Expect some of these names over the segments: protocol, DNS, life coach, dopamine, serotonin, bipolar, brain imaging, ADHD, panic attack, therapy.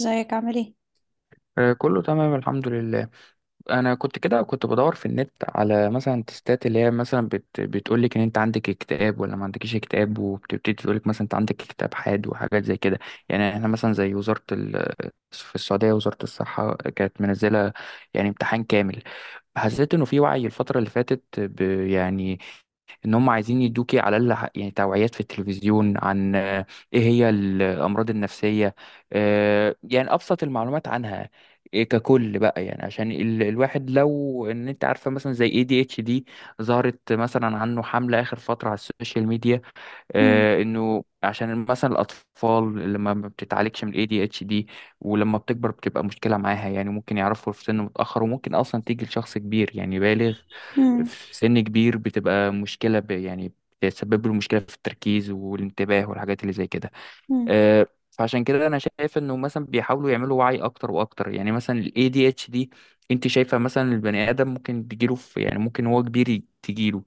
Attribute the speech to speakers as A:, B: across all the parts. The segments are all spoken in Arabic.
A: ازيك عامل ايه؟
B: كله تمام، الحمد لله. انا كنت كده كنت بدور في النت على مثلا تستات اللي هي مثلا بتقول لك ان انت عندك اكتئاب ولا ما عندكش اكتئاب، وبتبتدي تقول لك مثلا انت عندك اكتئاب حاد وحاجات زي كده. يعني احنا مثلا زي وزارة في السعودية، وزارة الصحة كانت منزلة يعني امتحان كامل. حسيت انه في وعي الفترة اللي فاتت يعني ان هم عايزين يدوكي على الاقل يعني توعيات في التلفزيون عن ايه هي الامراض النفسيه. يعني ابسط المعلومات عنها، ككل بقى. يعني عشان الواحد لو ان انت عارفه، مثلا زي ADHD، ظهرت مثلا عنه حمله اخر فتره على السوشيال ميديا.
A: مم،
B: انه عشان مثلا الاطفال اللي ما بتتعالجش من الـADHD، ولما بتكبر بتبقى مشكله معاها. يعني ممكن يعرفوا في سن متاخر، وممكن اصلا تيجي لشخص كبير يعني بالغ.
A: مم،
B: في سن كبير بتبقى مشكله يعني بتسبب له مشكله في التركيز والانتباه والحاجات اللي زي كده.
A: مم.
B: فعشان كده انا شايف انه مثلا بيحاولوا يعملوا وعي اكتر واكتر. يعني مثلا الـADHD، انت شايفه مثلا البني ادم ممكن تجيله يعني ممكن هو كبير تجيله.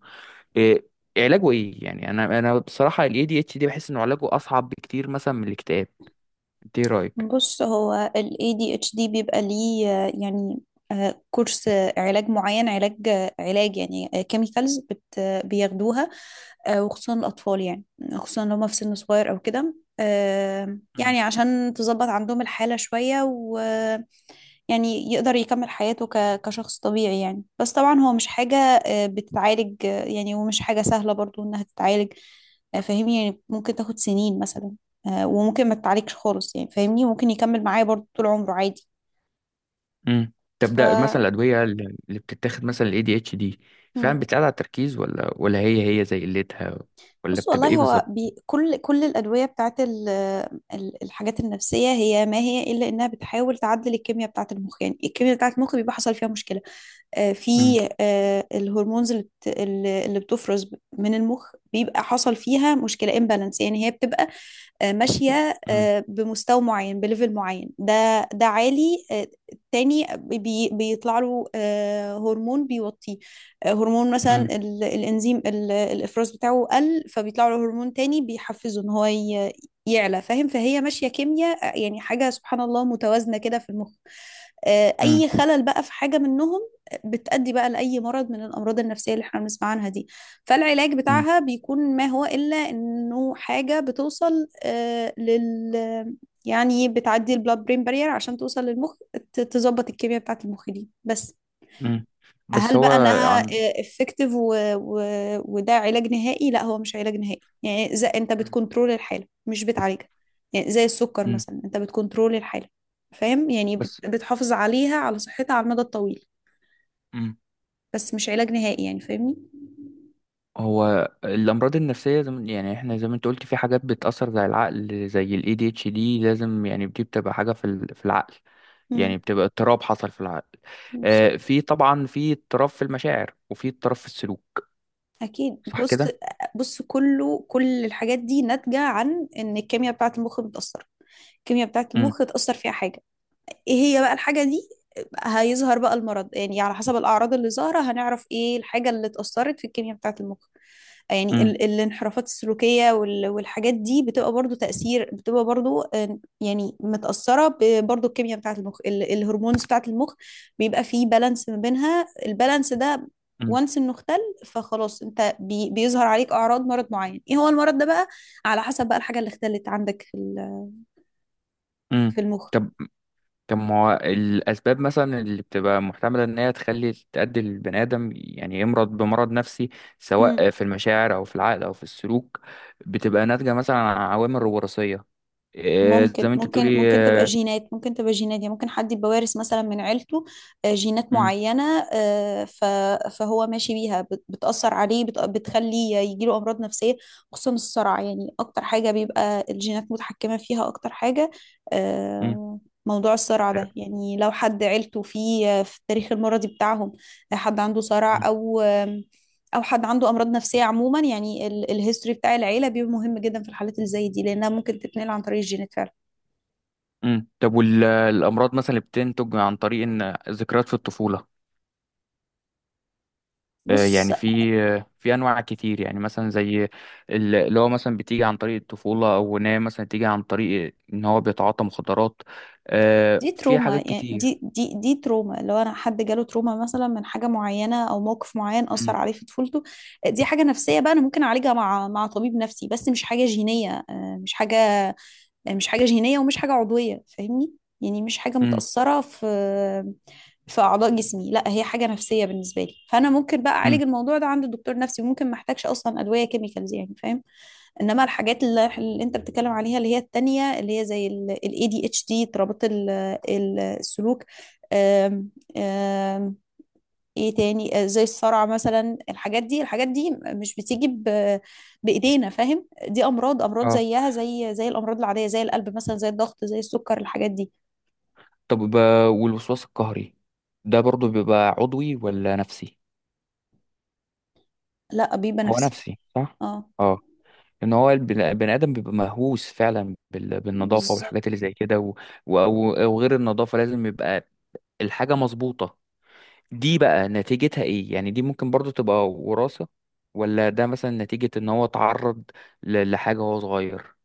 B: إيه علاجه ايه؟ يعني انا بصراحه الـADHD بحس انه علاجه اصعب بكتير مثلا من الاكتئاب. انت ايه رايك؟
A: بص، هو ال ADHD بيبقى ليه، يعني كورس، علاج معين، علاج، يعني كيميكالز بت آه، بياخدوها، وخصوصا الأطفال، يعني خصوصا لو هما في سن صغير أو كده،
B: مم.
A: يعني عشان تظبط عندهم الحالة شوية، يعني يقدر يكمل حياته كشخص طبيعي، يعني بس طبعا هو مش حاجة بتتعالج، يعني ومش حاجة سهلة برضو إنها تتعالج. فاهمني، يعني ممكن تاخد سنين مثلا، وممكن ما تتعالجش خالص، يعني فاهمني ممكن يكمل معايا برضو طول عمره عادي.
B: امم. طب
A: ف
B: ده مثلا الادويه اللي بتتاخد مثلا الـADHD، فعلا
A: مم.
B: بتساعد على التركيز ولا، هي زي قلتها، ولا
A: بص والله
B: بتبقى ايه
A: هو
B: بالظبط؟
A: كل الأدوية بتاعت الحاجات النفسية، هي ما هي إلا إنها بتحاول تعدل الكيمياء بتاعت المخ، يعني الكيمياء بتاعت المخ بيبقى حصل فيها مشكلة، في
B: مم.
A: الهرمونز اللي بت- اللي اللي بتفرز من المخ بيبقى حصل فيها مشكلة، امبالانس، يعني هي بتبقى ماشية
B: مم.
A: بمستوى معين، بليفل معين، ده عالي، التاني بيطلع له هرمون بيوطيه، هرمون مثلا
B: مم.
A: الانزيم، الافراز بتاعه قل، فبيطلع له هرمون تاني بيحفزه ان هو يعلى، فاهم؟ فهي ماشية كيمياء، يعني حاجة سبحان الله متوازنة كده في المخ.
B: مم.
A: اي خلل بقى في حاجه منهم بتؤدي بقى لاي مرض من الامراض النفسيه اللي احنا بنسمع عنها دي. فالعلاج
B: مم.
A: بتاعها بيكون ما هو الا انه حاجه بتوصل آه، لل يعني بتعدي البلاد برين بارير عشان توصل للمخ، تظبط الكيمياء بتاعه المخ دي بس.
B: مم. بس
A: هل
B: هو.
A: بقى انها
B: عم.
A: افكتيف؟ وده علاج نهائي؟ لا، هو مش علاج نهائي، يعني زي انت
B: مم.
A: بتكنترول الحاله، مش بتعالجها. يعني زي السكر
B: مم.
A: مثلا، انت بتكنترول الحاله، فاهم؟ يعني
B: بس
A: بتحافظ عليها، على صحتها على المدى الطويل،
B: مم.
A: بس مش علاج نهائي، يعني فاهمني.
B: هو الامراض النفسيه، زي ما- يعني احنا زي ما انت قلت، في حاجات بتاثر زي العقل، زي الـADHD، لازم. يعني دي بتبقى حاجه في العقل،
A: امم.
B: يعني بتبقى اضطراب حصل في العقل.
A: بالظبط.
B: في طبعا في اضطراب في المشاعر، وفي اضطراب في السلوك.
A: اكيد.
B: صح
A: بص
B: كده؟
A: بص، كل الحاجات دي ناتجه عن ان الكيمياء بتاعه المخ متاثره، الكيمياء بتاعه
B: امم.
A: المخ اتاثر فيها حاجه. ايه هي بقى الحاجة دي؟ هيظهر بقى المرض، يعني على حسب الأعراض اللي ظاهرة هنعرف ايه الحاجة اللي اتأثرت في الكيمياء بتاعة المخ. يعني
B: امم.
A: الانحرافات السلوكية والحاجات دي بتبقى برضو تأثير، بتبقى برضو يعني متأثرة برضو الكيمياء بتاعة المخ، الهرمونز بتاعة المخ، بيبقى فيه بالانس ما بينها، البالانس ده
B: امم.
A: وانس انه اختل. فخلاص انت بيظهر عليك اعراض مرض معين، ايه هو المرض ده بقى؟ على حسب بقى الحاجه اللي اختلت عندك
B: امم.
A: في المخ.
B: طب طب ما هو الاسباب مثلا اللي بتبقى محتمله ان هي تؤدي البني ادم يعني يمرض بمرض نفسي، سواء في المشاعر او في العقل او في السلوك؟ بتبقى ناتجه مثلا عن عوامل وراثيه، زي
A: ممكن
B: ما انت
A: ممكن
B: بتقولي
A: ممكن تبقى
B: آه،
A: جينات، يعني ممكن حد يبقى وارث مثلا من عيلته، جينات
B: مم.
A: معينة، آه، ف- فهو ماشي بيها، بتأثر عليه، بتخليه يجيله أمراض نفسية، خصوصا الصرع. يعني أكتر حاجة بيبقى الجينات متحكمة فيها، أكتر حاجة،
B: مم.
A: آه، موضوع الصرع ده، يعني لو حد عيلته فيه في التاريخ المرضي بتاعهم، حد عنده
B: مم.
A: صرع، أو أو حد عنده أمراض نفسية عموما، يعني الهيستوري بتاع العيلة بيبقى مهم جدا في الحالات اللي زي دي، لأنها ممكن تتنقل عن طريق الجينات فعلا.
B: مم. طب، والامراض مثلا اللي بتنتج عن طريق ان ذكريات في الطفوله؟
A: بص،
B: يعني في في انواع كتير، يعني مثلا زي اللي هو مثلا بتيجي عن طريق الطفوله، او ان هي مثلا تيجي عن طريق ان هو بيتعاطى مخدرات.
A: دي
B: في
A: تروما،
B: حاجات
A: يعني
B: كتير.
A: دي تروما، لو انا حد جاله تروما مثلا من حاجه معينه او موقف معين اثر
B: مم.
A: عليه في طفولته، دي حاجه نفسيه بقى، انا ممكن اعالجها مع طبيب نفسي، بس مش حاجه جينيه، مش حاجه، مش حاجه جينيه ومش حاجه عضويه، فاهمني؟ يعني مش حاجه
B: مم.
A: متاثره في اعضاء جسمي، لا، هي حاجه نفسيه بالنسبه لي، فانا ممكن بقى اعالج
B: مم.
A: الموضوع ده عند الدكتور نفسي، وممكن ما احتاجش اصلا ادويه كيميكالز، يعني فاهم؟ انما الحاجات اللي انت بتتكلم عليها، اللي هي التانية، اللي هي زي ال ADHD، اضطرابات السلوك، آم، آم، ايه تاني؟ زي الصرع مثلا، الحاجات دي مش بتيجي بايدينا، فاهم؟ دي امراض،
B: اه.
A: زيها زي الامراض العادية، زي القلب مثلا، زي الضغط، زي السكر، الحاجات دي.
B: طب، والوسواس القهري ده برضو بيبقى عضوي ولا نفسي؟
A: لا، بيبقى
B: هو
A: نفسي.
B: نفسي، صح؟
A: اه،
B: اه. ان هو بني ادم بيبقى مهووس فعلا بالنظافه
A: بالظبط.
B: والحاجات اللي زي كده، و- او غير النظافه، لازم يبقى الحاجه مظبوطه. دي بقى نتيجتها ايه؟ يعني دي ممكن برضو تبقى وراثة، ولا ده مثلا نتيجة ان هو اتعرض لحاجة وهو صغير؟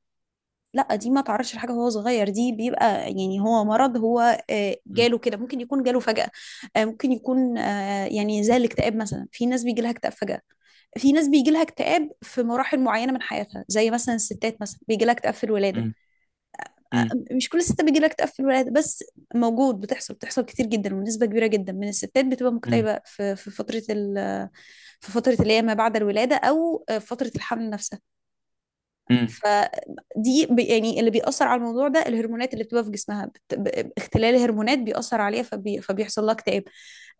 A: لا، دي ما تعرضش لحاجه وهو صغير، دي بيبقى يعني هو مرض، هو
B: مم.
A: جاله كده. ممكن يكون جاله فجأة، ممكن يكون، يعني زي الاكتئاب مثلا، في ناس بيجي لها اكتئاب فجأة، في ناس بيجي لها اكتئاب في مراحل معينه من حياتها، زي مثلا الستات مثلا بيجي لها اكتئاب في الولاده.
B: مم. مم.
A: مش كل الستات بيجي لها اكتئاب في الولاده، بس موجود، بتحصل كتير جدا، ونسبه كبيره جدا من الستات بتبقى
B: مم.
A: مكتئبه في فتره في فتره اللي هي ما بعد الولاده، او في فتره الحمل نفسها.
B: مم.
A: فدي يعني اللي بيأثر على الموضوع ده الهرمونات اللي بتبقى في جسمها، اختلال هرمونات بيأثر عليها، فبيحصل لها اكتئاب،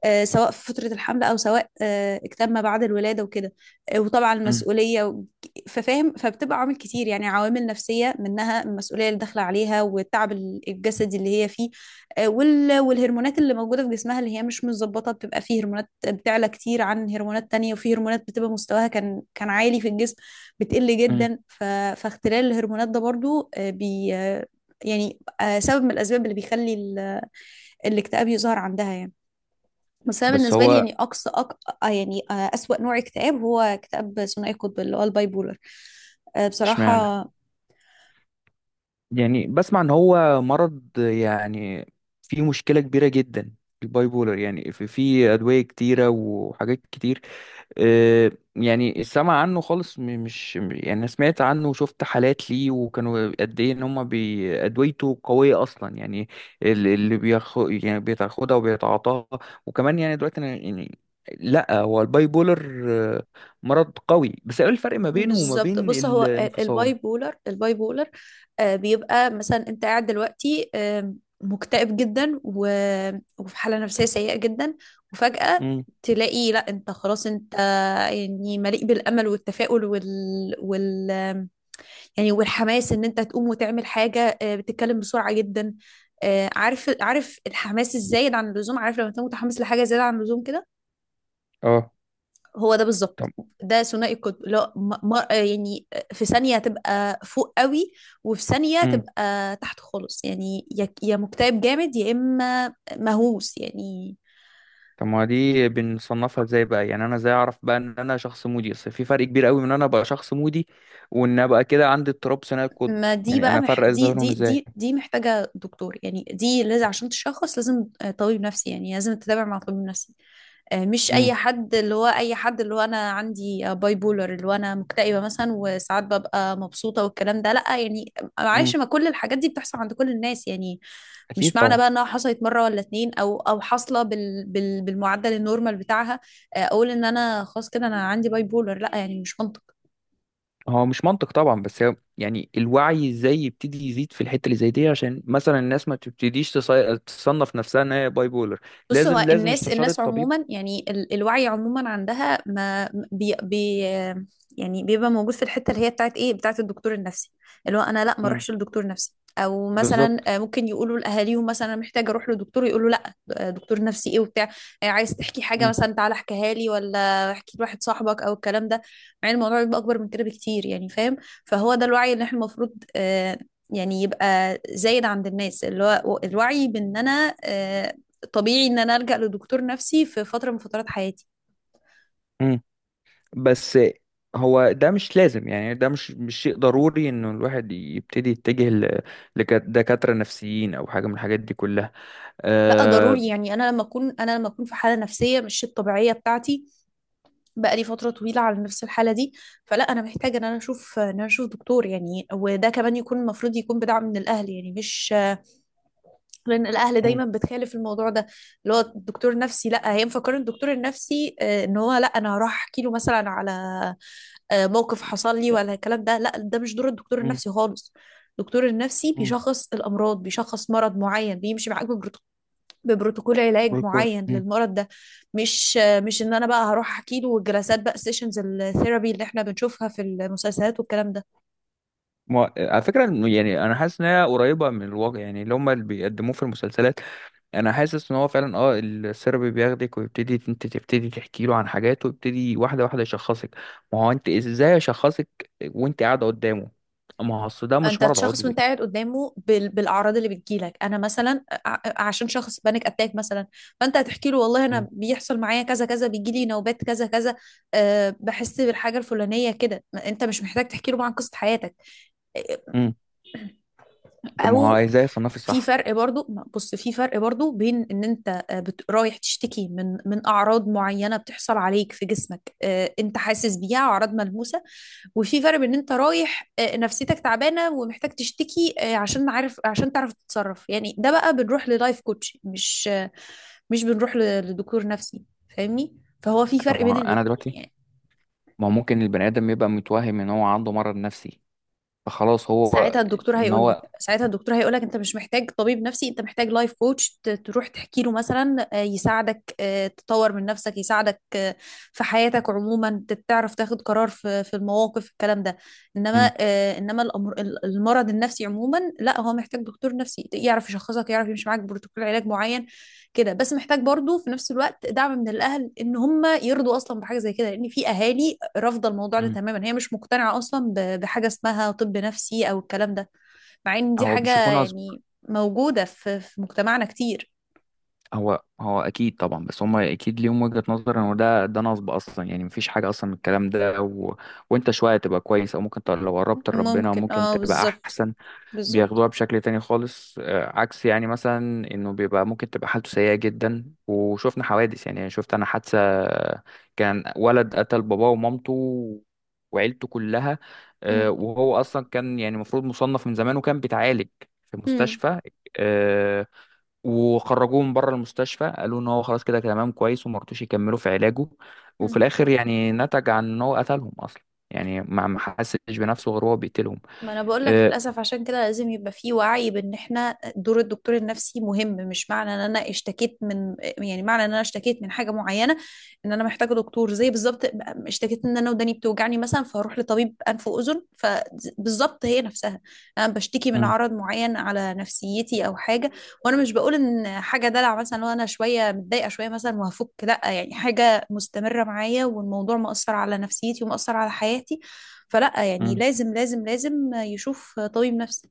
A: سواء في فترة الحمل أو سواء اكتئاب ما بعد الولادة وكده، وطبعا
B: مم.
A: المسؤولية ففاهم، فبتبقى عوامل كتير، يعني عوامل نفسية، منها المسؤولية اللي داخلة عليها، والتعب الجسدي اللي هي فيه، والهرمونات اللي موجودة في جسمها، اللي هي مش متظبطة، بتبقى فيه هرمونات بتعلى كتير عن هرمونات تانية، وفي هرمونات بتبقى مستواها كان عالي في الجسم بتقل
B: مم.
A: جدا. فاختلال الهرمونات ده برضو بي آه، يعني سبب من الأسباب اللي بيخلي الاكتئاب يظهر عندها، يعني. بس أنا
B: بس
A: بالنسبة لي،
B: هو.
A: يعني أقصى يعني أسوأ نوع اكتئاب هو اكتئاب ثنائي القطب، اللي هو الباي بولر،
B: اشمعنى؟
A: بصراحة.
B: يعني بسمع ان هو مرض يعني فيه مشكلة كبيرة جدا. الباي بولر يعني في أدوية كتيرة وحاجات كتير. يعني السمع عنه خالص، مش. يعني أنا سمعت عنه وشفت حالات ليه، وكانوا قد ايه. ان هم ادويته قويه اصلا يعني، اللي بياخد يعني بيتاخدها وبيتعاطاها. وكمان يعني دلوقتي أنا يعني، لا هو الباي بولر، آه، مرض قوي. بس ايه الفرق ما بينه وما
A: بالظبط.
B: بين
A: بص، هو
B: الانفصام؟
A: الباي بولر، بيبقى مثلا انت قاعد دلوقتي، مكتئب جدا، وفي حالة نفسية سيئة جدا، وفجأة
B: امم.
A: تلاقي لا، انت خلاص، انت يعني مليء بالامل والتفاؤل وال, وال يعني والحماس، ان انت تقوم وتعمل حاجة، بتتكلم بسرعة جدا، عارف الحماس الزايد عن اللزوم؟ عارف لما تكون متحمس لحاجة زيادة عن اللزوم كده؟
B: اه.
A: هو ده بالظبط،
B: طب
A: ده ثنائي القطب، لا يعني في ثانية تبقى فوق قوي، وفي ثانية تبقى تحت خالص، يعني يا مكتئب جامد يا إما مهووس، يعني.
B: طب ما دي بنصنفها ازاي بقى؟ يعني انا ازاي اعرف بقى ان انا شخص مودي؟ اصل في فرق كبير قوي من ان انا ابقى شخص مودي، وان ابقى كده عندي اضطراب ثنائي القطب.
A: ما دي
B: يعني
A: بقى
B: انا افرق ازاي
A: دي
B: بينهم،
A: دي
B: ازاي؟
A: دي دي محتاجة دكتور، يعني دي لازم عشان تشخص، لازم طبيب نفسي، يعني لازم تتابع مع طبيب نفسي، مش أي
B: امم.
A: حد، اللي هو أنا عندي باي بولر، اللي هو أنا مكتئبة مثلا وساعات ببقى مبسوطة والكلام ده، لا يعني. معلش،
B: امم.
A: ما كل الحاجات دي بتحصل عند كل الناس، يعني.
B: اكيد
A: مش معنى بقى
B: طبعا.
A: انها حصلت مره ولا اتنين او حاصله بالمعدل النورمال بتاعها، اقول ان انا خلاص كده انا عندي باي بولر؟ لا يعني، مش منطق.
B: هو مش منطق طبعا، بس هو يعني الوعي ازاي يبتدي يزيد في الحته اللي زي دي، عشان مثلا الناس ما تبتديش تصنف نفسها ان هي باي بولر.
A: بص، هو
B: لازم لازم
A: الناس
B: استشاره
A: الناس
B: طبيب.
A: عموما، يعني الوعي عموما عندها ما بي بي يعني بيبقى موجود في الحته اللي هي بتاعت ايه، بتاعت الدكتور النفسي، اللي هو انا لا ما
B: امم.
A: اروحش لدكتور نفسي، او مثلا
B: بالظبط.
A: ممكن يقولوا لاهاليهم مثلا انا محتاجه اروح لدكتور، يقولوا لا، دكتور نفسي ايه وبتاع، عايز تحكي حاجه مثلا تعالى احكيها لي، ولا احكي لواحد صاحبك او الكلام ده. مع ان الموضوع بيبقى اكبر من كده بكتير، يعني فاهم. فهو ده الوعي اللي احنا المفروض، يعني يبقى زايد عند الناس، اللي هو الوعي بان انا طبيعي ان انا الجأ لدكتور نفسي في فتره من فترات حياتي.
B: امم. بس هو ده مش لازم. يعني ده مش شيء ضروري انه الواحد يبتدي يتجه لدكاترة نفسيين او حاجة من الحاجات دي كلها.
A: لا
B: أه.
A: ضروري، يعني انا لما اكون في حاله نفسيه مش الطبيعيه بتاعتي، بقالي فتره طويله على نفس الحاله دي، فلا، انا محتاجه ان انا اشوف دكتور، يعني وده كمان يكون المفروض يكون بدعم من الاهل، يعني مش، لان الاهل
B: مم.
A: دايما بتخالف الموضوع ده، اللي هو الدكتور النفسي. لا، هي مفكره الدكتور النفسي ان هو، لا، انا هروح احكي له مثلا على موقف حصل لي ولا الكلام ده، لا، ده مش دور الدكتور
B: مم.
A: النفسي خالص. الدكتور النفسي
B: مم.
A: بيشخص الأمراض، بيشخص مرض معين، بيمشي معاك ببروتوكول علاج معين
B: مم.
A: للمرض ده، مش ان انا بقى هروح احكي له، الجلسات بقى، سيشنز الثيرابي اللي احنا بنشوفها في المسلسلات والكلام ده.
B: ما على فكرة، إنه يعني أنا حاسس إن هي قريبة من الواقع، يعني اللي هما اللي بيقدموه في المسلسلات. أنا حاسس إن هو فعلا، السيرابي بياخدك، ويبتدي أنت تبتدي تحكي له عن حاجات، ويبتدي واحدة واحدة يشخصك. ما هو أنت إزاي أشخصك وأنت قاعدة قدامه؟ ما هو أصل ده مش
A: انت
B: مرض
A: شخص
B: عضوي.
A: وانت قاعد قدامه بالاعراض اللي بتجيلك، انا مثلا عشان شخص بانيك اتاك مثلا، فانت هتحكي له والله انا بيحصل معايا كذا كذا، بيجي لي نوبات كذا كذا، أه بحس بالحاجه الفلانيه كده، انت مش محتاج تحكي له عن قصه حياتك
B: امم. طب، ما هو
A: او.
B: ازاي يصنفي
A: في
B: صح؟
A: فرق برضو، بص، في فرق برضو بين ان انت رايح تشتكي من اعراض معينه بتحصل عليك في جسمك، انت حاسس بيها، اعراض ملموسه، وفي فرق بين ان انت رايح نفسيتك تعبانه ومحتاج تشتكي، عشان تعرف تتصرف، يعني ده بقى بنروح للايف كوتش، مش مش بنروح لدكتور نفسي، فاهمني؟ فهو في
B: طب،
A: فرق بين الاتنين، يعني.
B: ما هو ممكن البني ادم يبقى متوهم ان هو عنده مرض نفسي، فخلاص هو. ان هو.
A: ساعتها الدكتور هيقول لك، انت مش محتاج طبيب نفسي، انت محتاج لايف كوتش، تروح تحكي له مثلا، يساعدك تطور من نفسك، يساعدك في حياتك عموما، تعرف تاخد قرار في المواقف، الكلام ده.
B: امم.
A: انما المرض النفسي عموما، لا، هو محتاج دكتور نفسي يعرف يشخصك، يعرف يمشي معاك بروتوكول علاج معين، كده بس. محتاج برضو في نفس الوقت دعم من الاهل، ان هم يرضوا اصلا بحاجه زي كده، لان في اهالي رافضه الموضوع ده
B: امم.
A: تماما، هي مش مقتنعه اصلا بحاجه اسمها طب نفسي او الكلام ده، مع ان دي
B: هو
A: حاجه
B: بيشوفوه نصب.
A: يعني موجوده في مجتمعنا كتير.
B: هو اكيد طبعا، بس هم اكيد ليهم وجهة نظر ان ده نصب اصلا، يعني مفيش حاجه اصلا من الكلام ده، و... وانت شويه تبقى كويس، او ممكن لو قربت لربنا
A: ممكن.
B: ممكن
A: اه،
B: تبقى
A: بالظبط.
B: احسن.
A: بالظبط.
B: بياخدوها بشكل تاني خالص، عكس يعني. مثلا انه بيبقى ممكن تبقى حالته سيئة جدا، وشفنا حوادث. يعني شفت انا حادثة، كان ولد قتل باباه ومامته وعيلته كلها.
A: مم.
B: وهو اصلا كان يعني المفروض مصنف من زمان، وكان بيتعالج في مستشفى. آه، وخرجوه من بره المستشفى، قالوا ان هو خلاص، كده كده تمام كويس، وما رضوش يكملوا في علاجه. وفي
A: مم.
B: الاخر يعني نتج عن ان هو قتلهم اصلا. يعني ما حسش بنفسه غير هو بيقتلهم.
A: ما انا بقول لك
B: آه،
A: للاسف عشان كده لازم يبقى في وعي بان احنا دور الدكتور النفسي مهم. مش معنى ان انا اشتكيت من معنى ان انا اشتكيت من حاجه معينه ان انا محتاجه دكتور، زي بالظبط اشتكيت ان انا وداني بتوجعني مثلا فاروح لطبيب انف واذن، فبالظبط هي نفسها. انا بشتكي من
B: مم.
A: عرض معين على نفسيتي او حاجه، وانا مش بقول ان حاجه دلع مثلا. لو انا شويه متضايقه شويه مثلا وهفك، لا، يعني حاجه مستمره معايا والموضوع مأثر على نفسيتي ومأثر على حياتي، فلا، يعني
B: مم.
A: لازم لازم لازم يشوف طبيب نفسي.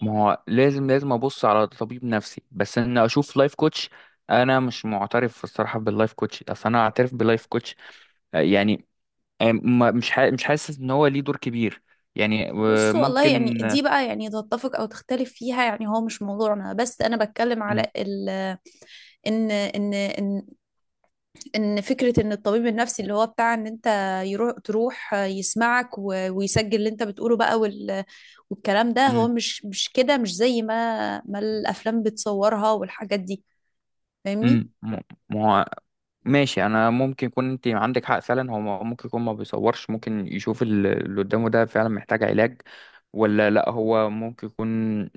B: ما هو لازم لازم ابص على طبيب نفسي، بس ان اشوف لايف كوتش. انا مش معترف الصراحه باللايف كوتش. اصل انا اعترف باللايف كوتش، يعني مش حاسس ان هو ليه دور كبير. يعني
A: بص والله يعني
B: ممكن.
A: دي بقى يعني تتفق او تختلف فيها، يعني هو مش موضوعنا، بس انا بتكلم على
B: مم.
A: ال ان ان فكرة ان الطبيب النفسي اللي هو بتاع ان انت تروح يسمعك ويسجل اللي انت بتقوله بقى، وال والكلام ده هو
B: مم.
A: مش كده، مش زي ما الافلام بتصورها والحاجات دي. فاهمني؟
B: مم. مم. ماشي، انا ممكن يكون انت عندك حق فعلا. هو ممكن يكون ما بيصورش، ممكن يشوف اللي قدامه ده فعلا محتاج علاج ولا لا. هو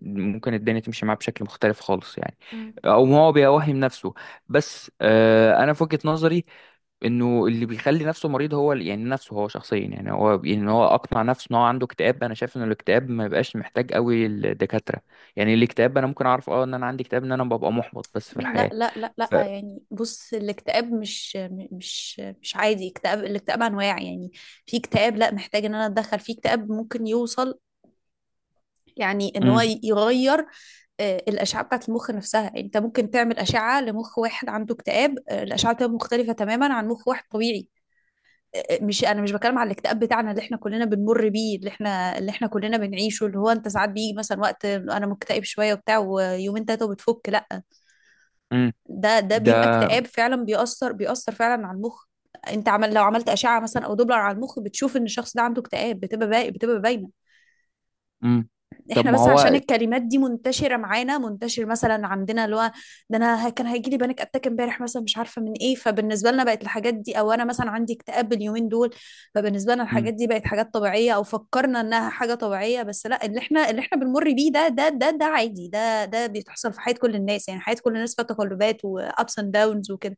B: ممكن الدنيا تمشي معاه بشكل مختلف خالص يعني، او هو بيوهم نفسه. بس انا في وجهة نظري، انه اللي بيخلي نفسه مريض هو يعني نفسه، هو شخصيا. يعني هو ان هو اقنع نفسه ان هو عنده اكتئاب. انا شايف ان الاكتئاب ما بيبقاش محتاج قوي الدكاترة. يعني الاكتئاب انا ممكن اعرف ان انا عندي اكتئاب، ان انا ببقى محبط بس في
A: لا
B: الحياة.
A: لا لا لا
B: ف...
A: يعني بص، الاكتئاب مش مش عادي اكتئاب، الاكتئاب انواع يعني. في اكتئاب لا محتاج ان انا اتدخل، في اكتئاب ممكن يوصل يعني ان هو
B: مم.
A: يغير آه، الاشعه بتاعت المخ نفسها. يعني انت ممكن تعمل اشعه لمخ واحد عنده اكتئاب، آه، الاشعه بتبقى مختلفه تماما عن مخ واحد طبيعي. آه، آه، مش انا مش بتكلم على الاكتئاب بتاعنا اللي احنا كلنا بنمر بيه، اللي احنا كلنا بنعيشه، اللي هو انت ساعات بيجي مثلا وقت انا مكتئب شويه وبتاع ويومين تلاته وبتفك، لا.
B: مم.
A: ده ده بيبقى
B: ده.
A: اكتئاب فعلا، بيأثر بيأثر فعلا على المخ. انت عمل لو عملت أشعة مثلا او دوبلر على المخ، بتشوف ان الشخص ده عنده اكتئاب، بتبقى باقي بتبقى باينة.
B: امم. طب
A: احنا
B: ما
A: بس
B: هو.
A: عشان الكلمات دي منتشره معانا، منتشر مثلا عندنا اللي هو ده انا كان هيجي لي بانيك اتاك امبارح مثلا مش عارفه من ايه، فبالنسبه لنا بقت الحاجات دي، او انا مثلا عندي اكتئاب اليومين دول. فبالنسبه لنا الحاجات
B: امم.
A: دي بقت حاجات طبيعيه، او فكرنا انها حاجه طبيعيه، بس لا، اللي احنا بنمر بيه ده ده عادي، ده ده بيتحصل في حياه كل الناس. يعني حياه كل الناس فيها تقلبات وابس اند داونز وكده.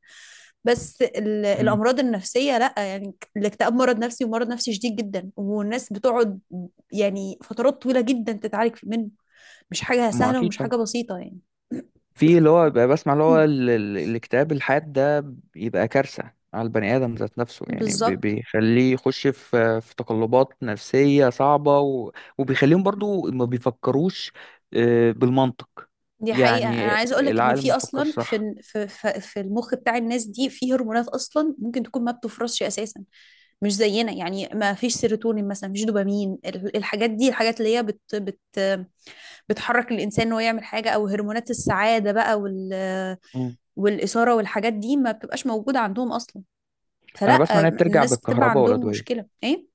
A: بس
B: امم.
A: الامراض النفسيه لا، يعني الاكتئاب مرض نفسي، ومرض نفسي شديد جدا، والناس بتقعد يعني فترات طويلة جدا تتعالج منه. مش حاجة
B: ما هو
A: سهلة
B: اكيد
A: ومش
B: طبعا،
A: حاجة بسيطة يعني.
B: في اللي هو بيبقى بسمع اللي هو الاكتئاب الحاد ده، بيبقى كارثة على البني آدم ذات نفسه. يعني
A: بالظبط.
B: بيخليه يخش في تقلبات نفسية صعبة، وبيخليهم برضو ما بيفكروش بالمنطق.
A: دي حقيقة. أنا
B: يعني
A: عايزة أقولك إن
B: العقل ما
A: في أصلا
B: بيفكرش،
A: في
B: صح؟
A: في في المخ بتاع الناس دي في هرمونات أصلا ممكن تكون ما بتفرزش أساسا مش زينا. يعني ما فيش سيروتونين مثلا، مفيش دوبامين، الحاجات دي الحاجات اللي هي بت بت بتحرك الإنسان إن هو يعمل حاجة، أو هرمونات السعادة بقى، وال
B: مم.
A: والإثارة والحاجات دي، ما بتبقاش موجودة عندهم أصلا.
B: أنا بسمع
A: فلا،
B: إن هي بترجع
A: الناس بتبقى
B: بالكهرباء
A: عندهم
B: والأدوية.
A: مشكلة إيه.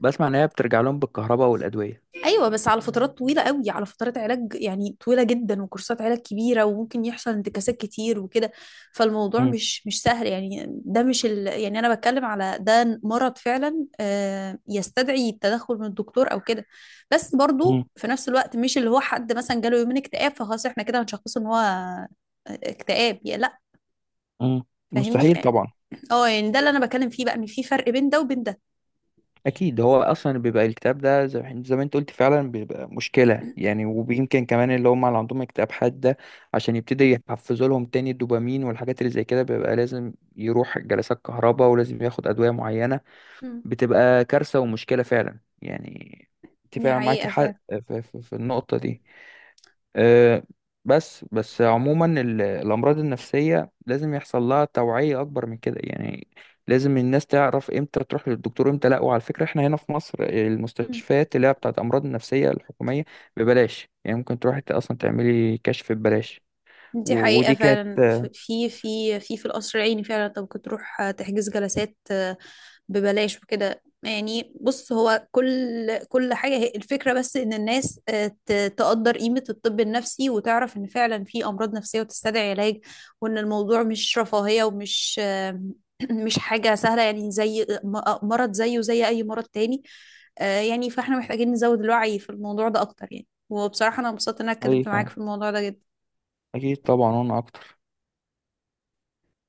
B: بسمع إن هي بترجع لهم بالكهرباء والأدوية.
A: ايوه بس على فترات طويله قوي، على فترات علاج يعني طويله جدا وكورسات علاج كبيره، وممكن يحصل انتكاسات كتير وكده. فالموضوع
B: مم.
A: مش مش سهل، يعني ده مش ال يعني انا بتكلم على ده مرض فعلا آه، يستدعي التدخل من الدكتور او كده. بس
B: مم.
A: برضو في نفس الوقت، مش اللي هو حد مثلا جاله يومين اكتئاب فخلاص احنا كده هنشخصه ان هو آه، اكتئاب يعني، لا.
B: مم. مستحيل
A: فاهمني؟
B: طبعا.
A: اه، يعني ده اللي انا بتكلم فيه بقى، ان في فرق بين ده وبين ده.
B: اكيد هو اصلا بيبقى الكتاب ده زي ما انت قلت فعلا، بيبقى مشكله يعني، ويمكن كمان اللي هم اللي عندهم اكتئاب حاده، عشان يبتدي يحفزوا لهم تاني الدوبامين والحاجات اللي زي كده، بيبقى لازم يروح جلسات كهرباء ولازم ياخد ادويه معينه.
A: مم.
B: بتبقى كارثه ومشكله فعلا يعني. انت
A: دي
B: فعلا معاكي حق
A: حقيقة.
B: في النقطه دي، آه، بس عموما. الأمراض النفسية لازم يحصل لها توعية أكبر من كده يعني. لازم الناس تعرف إمتى تروح للدكتور إمتى لأ. وعلى فكرة، إحنا هنا في مصر
A: مم.
B: المستشفيات اللي هي بتاعت أمراض النفسية الحكومية، ببلاش. يعني ممكن تروحي أصلا تعملي كشف ببلاش.
A: دي حقيقة
B: ودي كانت.
A: فعلا. في في القصر العيني فعلا انت ممكن تروح آه، تحجز جلسات آه، ببلاش وكده. يعني بص، هو كل حاجة هي الفكرة، بس ان الناس آه، تقدر قيمة الطب النفسي، وتعرف ان فعلا في امراض نفسية وتستدعي علاج، وان الموضوع مش رفاهية ومش آه، مش حاجة سهلة. يعني زي مرض زيه زي اي مرض تاني آه، يعني فاحنا محتاجين نزود الوعي في الموضوع ده اكتر يعني. وبصراحة انا مبسوطة ان انا
B: أي
A: اتكلمت معاك
B: فا-
A: في الموضوع ده جدا.
B: أكيد طبعا، وأنا أكتر.